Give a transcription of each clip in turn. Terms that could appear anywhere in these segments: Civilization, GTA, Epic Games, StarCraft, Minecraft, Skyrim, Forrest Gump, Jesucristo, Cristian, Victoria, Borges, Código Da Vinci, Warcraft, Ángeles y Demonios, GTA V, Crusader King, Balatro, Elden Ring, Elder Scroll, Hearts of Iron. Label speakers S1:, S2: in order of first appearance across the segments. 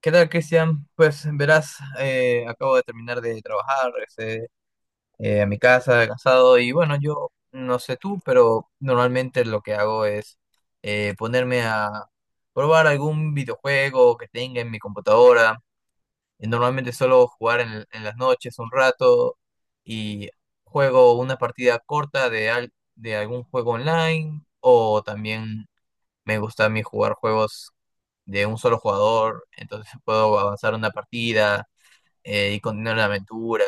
S1: ¿Qué tal, Cristian? Pues verás, acabo de terminar de trabajar, regresé a mi casa, cansado, y bueno, yo no sé tú, pero normalmente lo que hago es ponerme a probar algún videojuego que tenga en mi computadora. Y normalmente solo jugar en las noches un rato y juego una partida corta de algún juego online, o también me gusta a mí jugar juegos de un solo jugador. Entonces puedo avanzar una partida y continuar la aventura.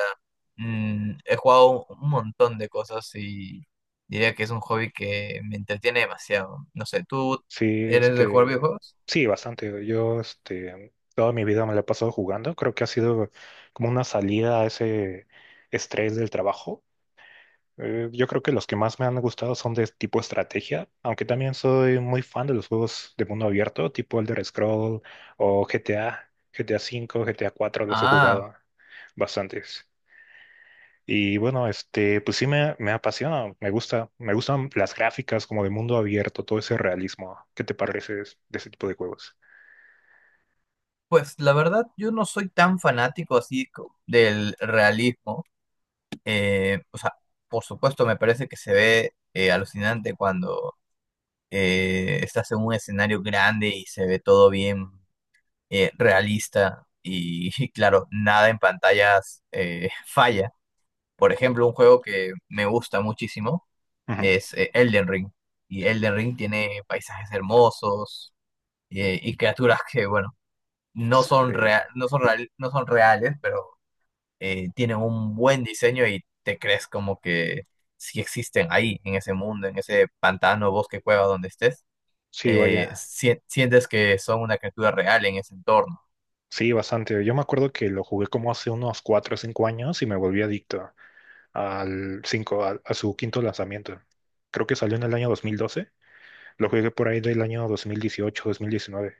S1: Mm, he jugado un montón de cosas y diría que es un hobby que me entretiene demasiado. No sé, ¿tú
S2: Sí,
S1: eres de jugar videojuegos?
S2: sí, bastante. Yo, toda mi vida me la he pasado jugando. Creo que ha sido como una salida a ese estrés del trabajo. Yo creo que los que más me han gustado son de tipo estrategia, aunque también soy muy fan de los juegos de mundo abierto, tipo Elder Scroll o GTA, GTA V, GTA cuatro, los he
S1: Ah,
S2: jugado bastantes. Y bueno, pues sí me apasiona, me gusta, me gustan las gráficas como de mundo abierto, todo ese realismo. ¿Qué te parece de ese tipo de juegos?
S1: pues la verdad yo no soy tan fanático del realismo. O sea, por supuesto me parece que se ve alucinante cuando estás en un escenario grande y se ve todo bien realista y, claro, nada en pantallas falla. Por ejemplo, un juego que me gusta muchísimo
S2: Ujú.
S1: es Elden Ring. Y Elden Ring tiene paisajes hermosos y criaturas que, bueno,
S2: Sí,
S1: no son reales, pero tienen un buen diseño y te crees como que sí existen ahí, en ese mundo, en ese pantano, bosque, cueva, donde estés.
S2: sí, vaya,
S1: Sientes que son una criatura real en ese entorno.
S2: sí, bastante. Yo me acuerdo que lo jugué como hace unos 4 o 5 años y me volví adicto al 5 a su quinto lanzamiento. Creo que salió en el año 2012, lo jugué por ahí del año 2018, 2019.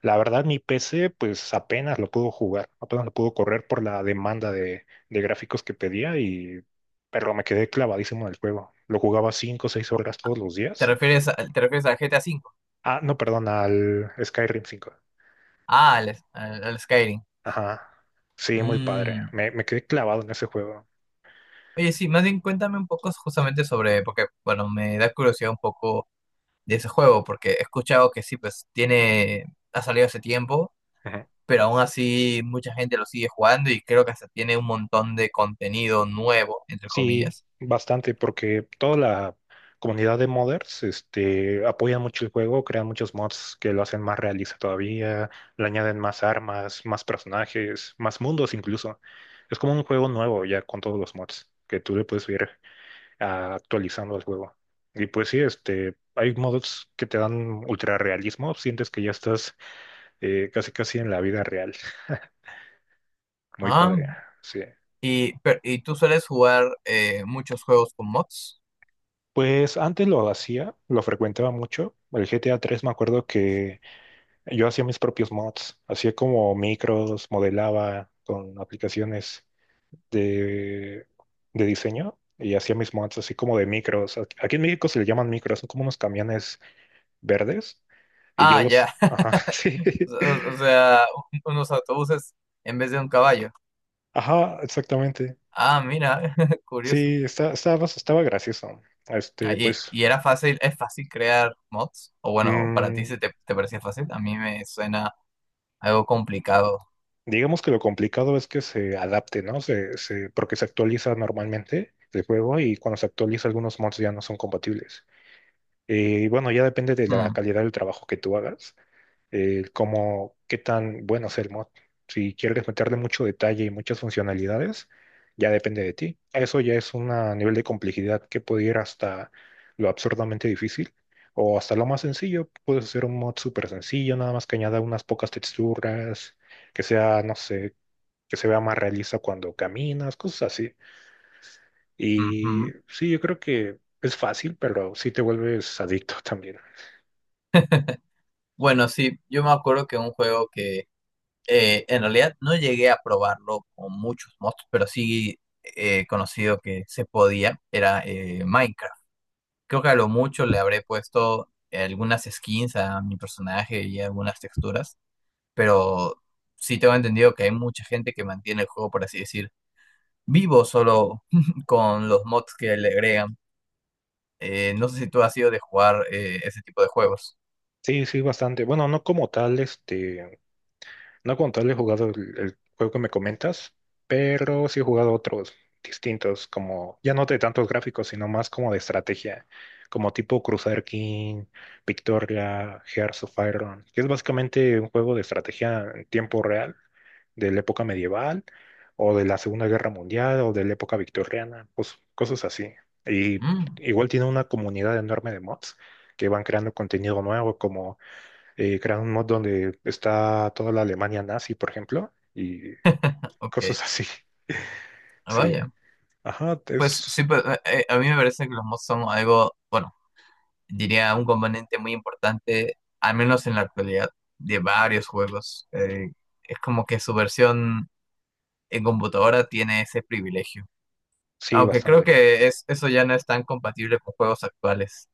S2: La verdad, mi PC, pues apenas lo pudo jugar, apenas lo pudo correr por la demanda de gráficos que pedía pero me quedé clavadísimo en el juego. Lo jugaba 5 o 6 horas todos los
S1: ¿Te
S2: días.
S1: refieres, te refieres al GTA V?
S2: Ah, no, perdón, al Skyrim cinco.
S1: Ah, al Skyrim.
S2: Ajá. Sí, muy padre.
S1: Mm.
S2: Me quedé clavado en ese juego.
S1: Oye, sí, más bien cuéntame un poco justamente sobre, porque, bueno, me da curiosidad un poco de ese juego, porque he escuchado que sí, pues tiene, ha salido hace tiempo, pero aún así mucha gente lo sigue jugando, y creo que hasta tiene un montón de contenido nuevo, entre
S2: Sí,
S1: comillas.
S2: bastante, porque toda la comunidad de modders, apoyan mucho el juego, crean muchos mods que lo hacen más realista todavía, le añaden más armas, más personajes, más mundos incluso. Es como un juego nuevo ya con todos los mods que tú le puedes ir actualizando al juego. Y pues sí, hay mods que te dan ultra realismo, sientes que ya estás casi casi en la vida real. Muy
S1: Ah,
S2: padre, sí.
S1: y, pero ¿y tú sueles jugar muchos juegos con mods?
S2: Pues antes lo hacía, lo frecuentaba mucho. El GTA 3, me acuerdo que yo hacía mis propios mods, hacía como micros, modelaba con aplicaciones de, de diseño y hacía mis mods así como de micros. Aquí en México se le llaman micros, son como unos camiones verdes y yo
S1: Ah, ya.
S2: los... Ajá, sí.
S1: O, o sea, unos autobuses en vez de un caballo.
S2: Ajá, exactamente.
S1: Ah, mira, curioso.
S2: Sí, estaba gracioso.
S1: Ah,
S2: Este,
S1: y,
S2: pues...
S1: ¿y era fácil, es fácil crear mods? O bueno, para ti
S2: mm,
S1: te parecía fácil, a mí me suena algo complicado.
S2: Digamos que lo complicado es que se adapte, ¿no? Porque se actualiza normalmente el juego y cuando se actualiza algunos mods ya no son compatibles. Y bueno, ya depende de la
S1: Mm,
S2: calidad del trabajo que tú hagas, como qué tan bueno es el mod. Si quieres meterle mucho detalle y muchas funcionalidades, ya depende de ti. Eso ya es un nivel de complejidad que puede ir hasta lo absurdamente difícil o hasta lo más sencillo. Puedes hacer un mod súper sencillo, nada más que añada unas pocas texturas, que sea, no sé, que se vea más realista cuando caminas, cosas así. Y
S1: ujú.
S2: sí, yo creo que es fácil, pero sí te vuelves adicto también.
S1: Bueno, sí, yo me acuerdo que un juego que en realidad no llegué a probarlo con muchos mods, pero sí he conocido que se podía, era Minecraft. Creo que a lo mucho le habré puesto algunas skins a mi personaje y algunas texturas, pero sí tengo entendido que hay mucha gente que mantiene el juego, por así decir, vivo, solo con los mods que le agregan. No sé si tú has sido de jugar ese tipo de juegos.
S2: Sí, sí, bastante. Bueno, no como tal, no como tal he jugado el juego que me comentas, pero sí he jugado otros distintos, como ya no de tantos gráficos, sino más como de estrategia, como tipo Crusader King, Victoria, Hearts of Iron, que es básicamente un juego de estrategia en tiempo real de la época medieval o de la Segunda Guerra Mundial o de la época victoriana, pues cosas así. Y
S1: Mm,
S2: igual tiene una comunidad enorme de mods que van creando contenido nuevo, como crean un mod donde está toda la Alemania nazi, por ejemplo, y
S1: ok.
S2: cosas así.
S1: Ah,
S2: Sí,
S1: vaya.
S2: ajá,
S1: Pues sí, pues, a mí me parece que los mods son algo, bueno, diría un componente muy importante, al menos en la actualidad, de varios juegos. Es como que su versión en computadora tiene ese privilegio.
S2: sí,
S1: Aunque creo
S2: bastante.
S1: que es, eso ya no es tan compatible con juegos actuales.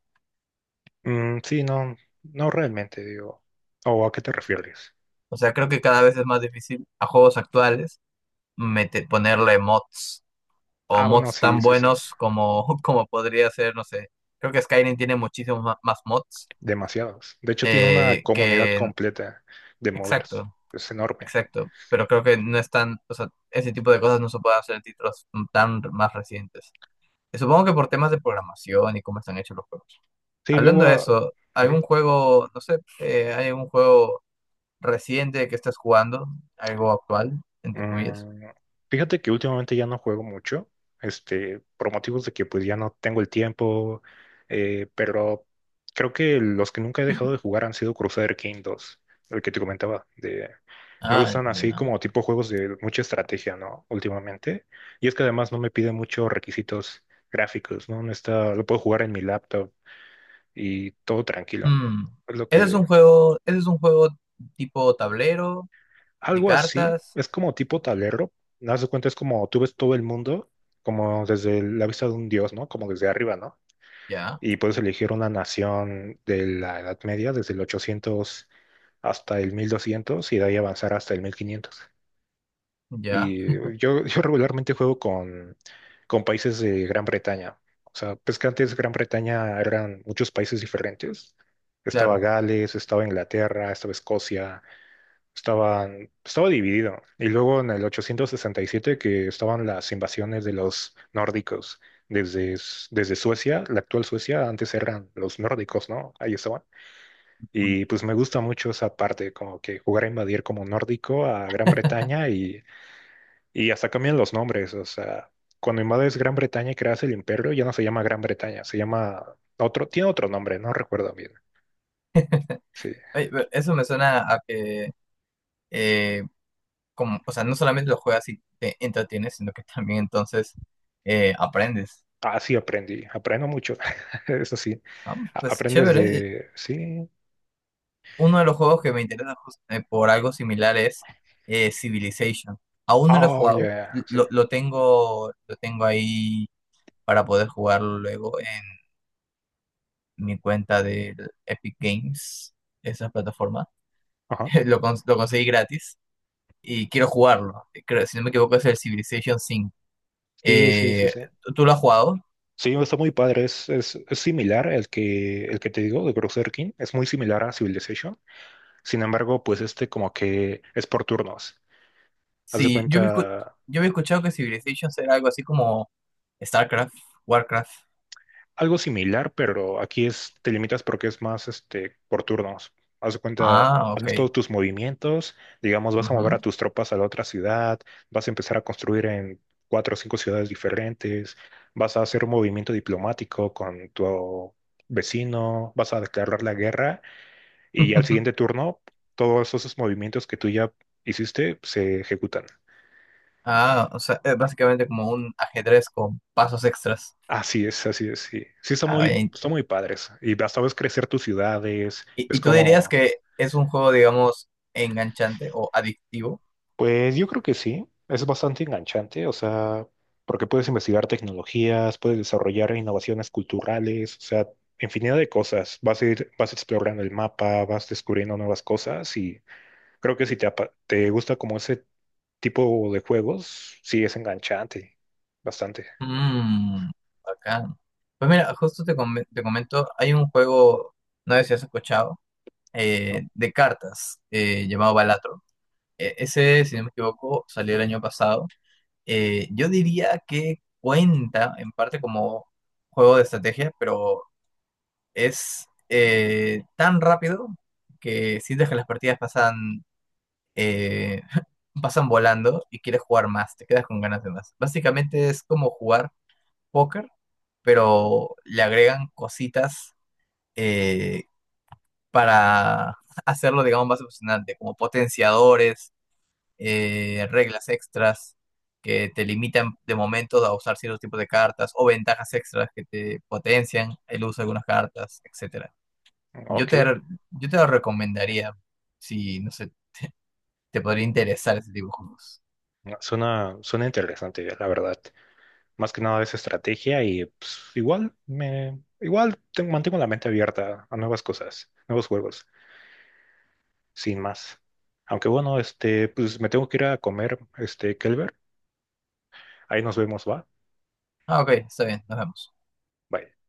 S2: Mm, sí, no, no realmente, digo. ¿O a qué te refieres?
S1: O sea, creo que cada vez es más difícil a juegos actuales ponerle mods, o
S2: Ah, bueno,
S1: mods
S2: sí,
S1: tan
S2: sí, sí.
S1: buenos como, como podría ser, no sé. Creo que Skyrim tiene muchísimos más mods
S2: Demasiados. De hecho, tiene una comunidad
S1: que...
S2: completa de modders.
S1: Exacto,
S2: Es enorme.
S1: exacto. Pero creo que no están, o sea, ese tipo de cosas no se pueden hacer en títulos tan más recientes. Y supongo que por temas de programación y cómo están hechos los juegos.
S2: Sí,
S1: Hablando de
S2: luego,
S1: eso, ¿algún
S2: ujú.
S1: juego, no sé, hay algún juego reciente que estés jugando? ¿Algo actual, entre comillas?
S2: Mm, Fíjate que últimamente ya no juego mucho, por motivos de que pues ya no tengo el tiempo, pero creo que los que nunca he dejado de jugar han sido Crusader King 2, el que te comentaba, me
S1: Ah,
S2: gustan así
S1: ya.
S2: como tipo juegos de mucha estrategia, ¿no? Últimamente, y es que además no me pide muchos requisitos gráficos, ¿no? No está, lo puedo jugar en mi laptop y todo tranquilo.
S1: Mm.
S2: Es lo
S1: Ese es
S2: que...
S1: un juego, ese es un juego tipo tablero, de
S2: Algo así,
S1: cartas.
S2: es como tipo tablero, haz de cuenta, es como tú ves todo el mundo, como desde la vista de un dios, ¿no? Como desde arriba, ¿no?
S1: Ya,
S2: Y puedes elegir una nación de la Edad Media, desde el 800 hasta el 1200 y de ahí avanzar hasta el 1500.
S1: ya,
S2: Y yo regularmente juego con países de Gran Bretaña. O sea, pues que antes Gran Bretaña eran muchos países diferentes. Estaba
S1: claro.
S2: Gales, estaba Inglaterra, estaba Escocia. Estaban, estaba dividido. Y luego en el 867 que estaban las invasiones de los nórdicos desde, desde Suecia, la actual Suecia, antes eran los nórdicos, ¿no? Ahí estaban. Y
S1: Mm.
S2: pues me gusta mucho esa parte, como que jugar a invadir como nórdico a Gran Bretaña y hasta cambian los nombres. O sea, cuando invades Gran Bretaña y creas el imperio, ya no se llama Gran Bretaña, se llama otro, tiene otro nombre, no recuerdo bien. Sí,
S1: Oye, pero eso me suena a que, eh, como, o sea, no solamente lo juegas y te entretienes, sino que también entonces aprendes.
S2: así aprendí, aprendo mucho, eso sí.
S1: Ah, pues
S2: Aprendes
S1: chévere.
S2: de... Sí.
S1: Uno de los juegos que me interesa por algo similar es Civilization. Aún no lo he
S2: Oh,
S1: jugado,
S2: yeah. Sí.
S1: lo tengo ahí para poder jugarlo luego. Mi cuenta de Epic Games, esa plataforma.
S2: Ajá.
S1: Lo conseguí gratis y quiero jugarlo. Creo, si no me equivoco, es el Civilization 5.
S2: Sí, sí, sí,
S1: Eh,
S2: sí.
S1: ¿tú lo has jugado?
S2: Sí, está muy padre. Es similar al que, el que te digo de Crusader King. Es muy similar a Civilization. Sin embargo, pues como que es por turnos. Haz de
S1: Sí,
S2: cuenta,
S1: yo había escuchado que Civilization era algo así como StarCraft, Warcraft.
S2: algo similar, pero aquí es, te limitas porque es más por turnos. Haz de cuenta,
S1: Ah, ok.
S2: haces todos tus movimientos, digamos, vas a mover
S1: Ujú.
S2: a tus tropas a la otra ciudad, vas a empezar a construir en cuatro o cinco ciudades diferentes, vas a hacer un movimiento diplomático con tu vecino, vas a declarar la guerra y al siguiente turno todos esos movimientos que tú ya hiciste se ejecutan.
S1: Ah, o sea, es básicamente como un ajedrez con pasos extras.
S2: Así es, sí. Sí,
S1: Ah, vaya.
S2: están muy padres. Y hasta ves crecer tus ciudades, es
S1: Y tú dirías
S2: como...
S1: que es un juego, digamos, enganchante o adictivo?
S2: Pues yo creo que sí, es bastante enganchante, o sea, porque puedes investigar tecnologías, puedes desarrollar innovaciones culturales, o sea, infinidad de cosas. Vas a ir, vas explorando el mapa, vas descubriendo nuevas cosas y creo que si te, te gusta como ese tipo de juegos, sí es enganchante, bastante,
S1: Mmm, bacán. Pues mira, justo te comento, hay un juego, no sé si has escuchado,
S2: ¿no?
S1: de cartas llamado Balatro. Ese, si no me equivoco, salió el año pasado. Yo diría que cuenta en parte como juego de estrategia, pero es tan rápido que sientes que las partidas pasan, eh, pasan volando y quieres jugar más, te quedas con ganas de más. Básicamente es como jugar póker, pero le agregan cositas eh, para hacerlo, digamos, más emocionante, como potenciadores, reglas extras que te limitan de momento a usar ciertos tipos de cartas, o ventajas extras que te potencian el uso de algunas cartas, etcétera. Yo
S2: Ok,
S1: te, yo te lo recomendaría si, no sé, te podría interesar ese tipo de juegos.
S2: suena, suena interesante, la verdad. Más que nada es estrategia y pues, igual me, igual te- mantengo la mente abierta a nuevas cosas, nuevos juegos. Sin más. Aunque bueno, pues me tengo que ir a comer, Kelber. Ahí nos vemos, va.
S1: Ah, ok, está bien, nos vemos.
S2: Bye.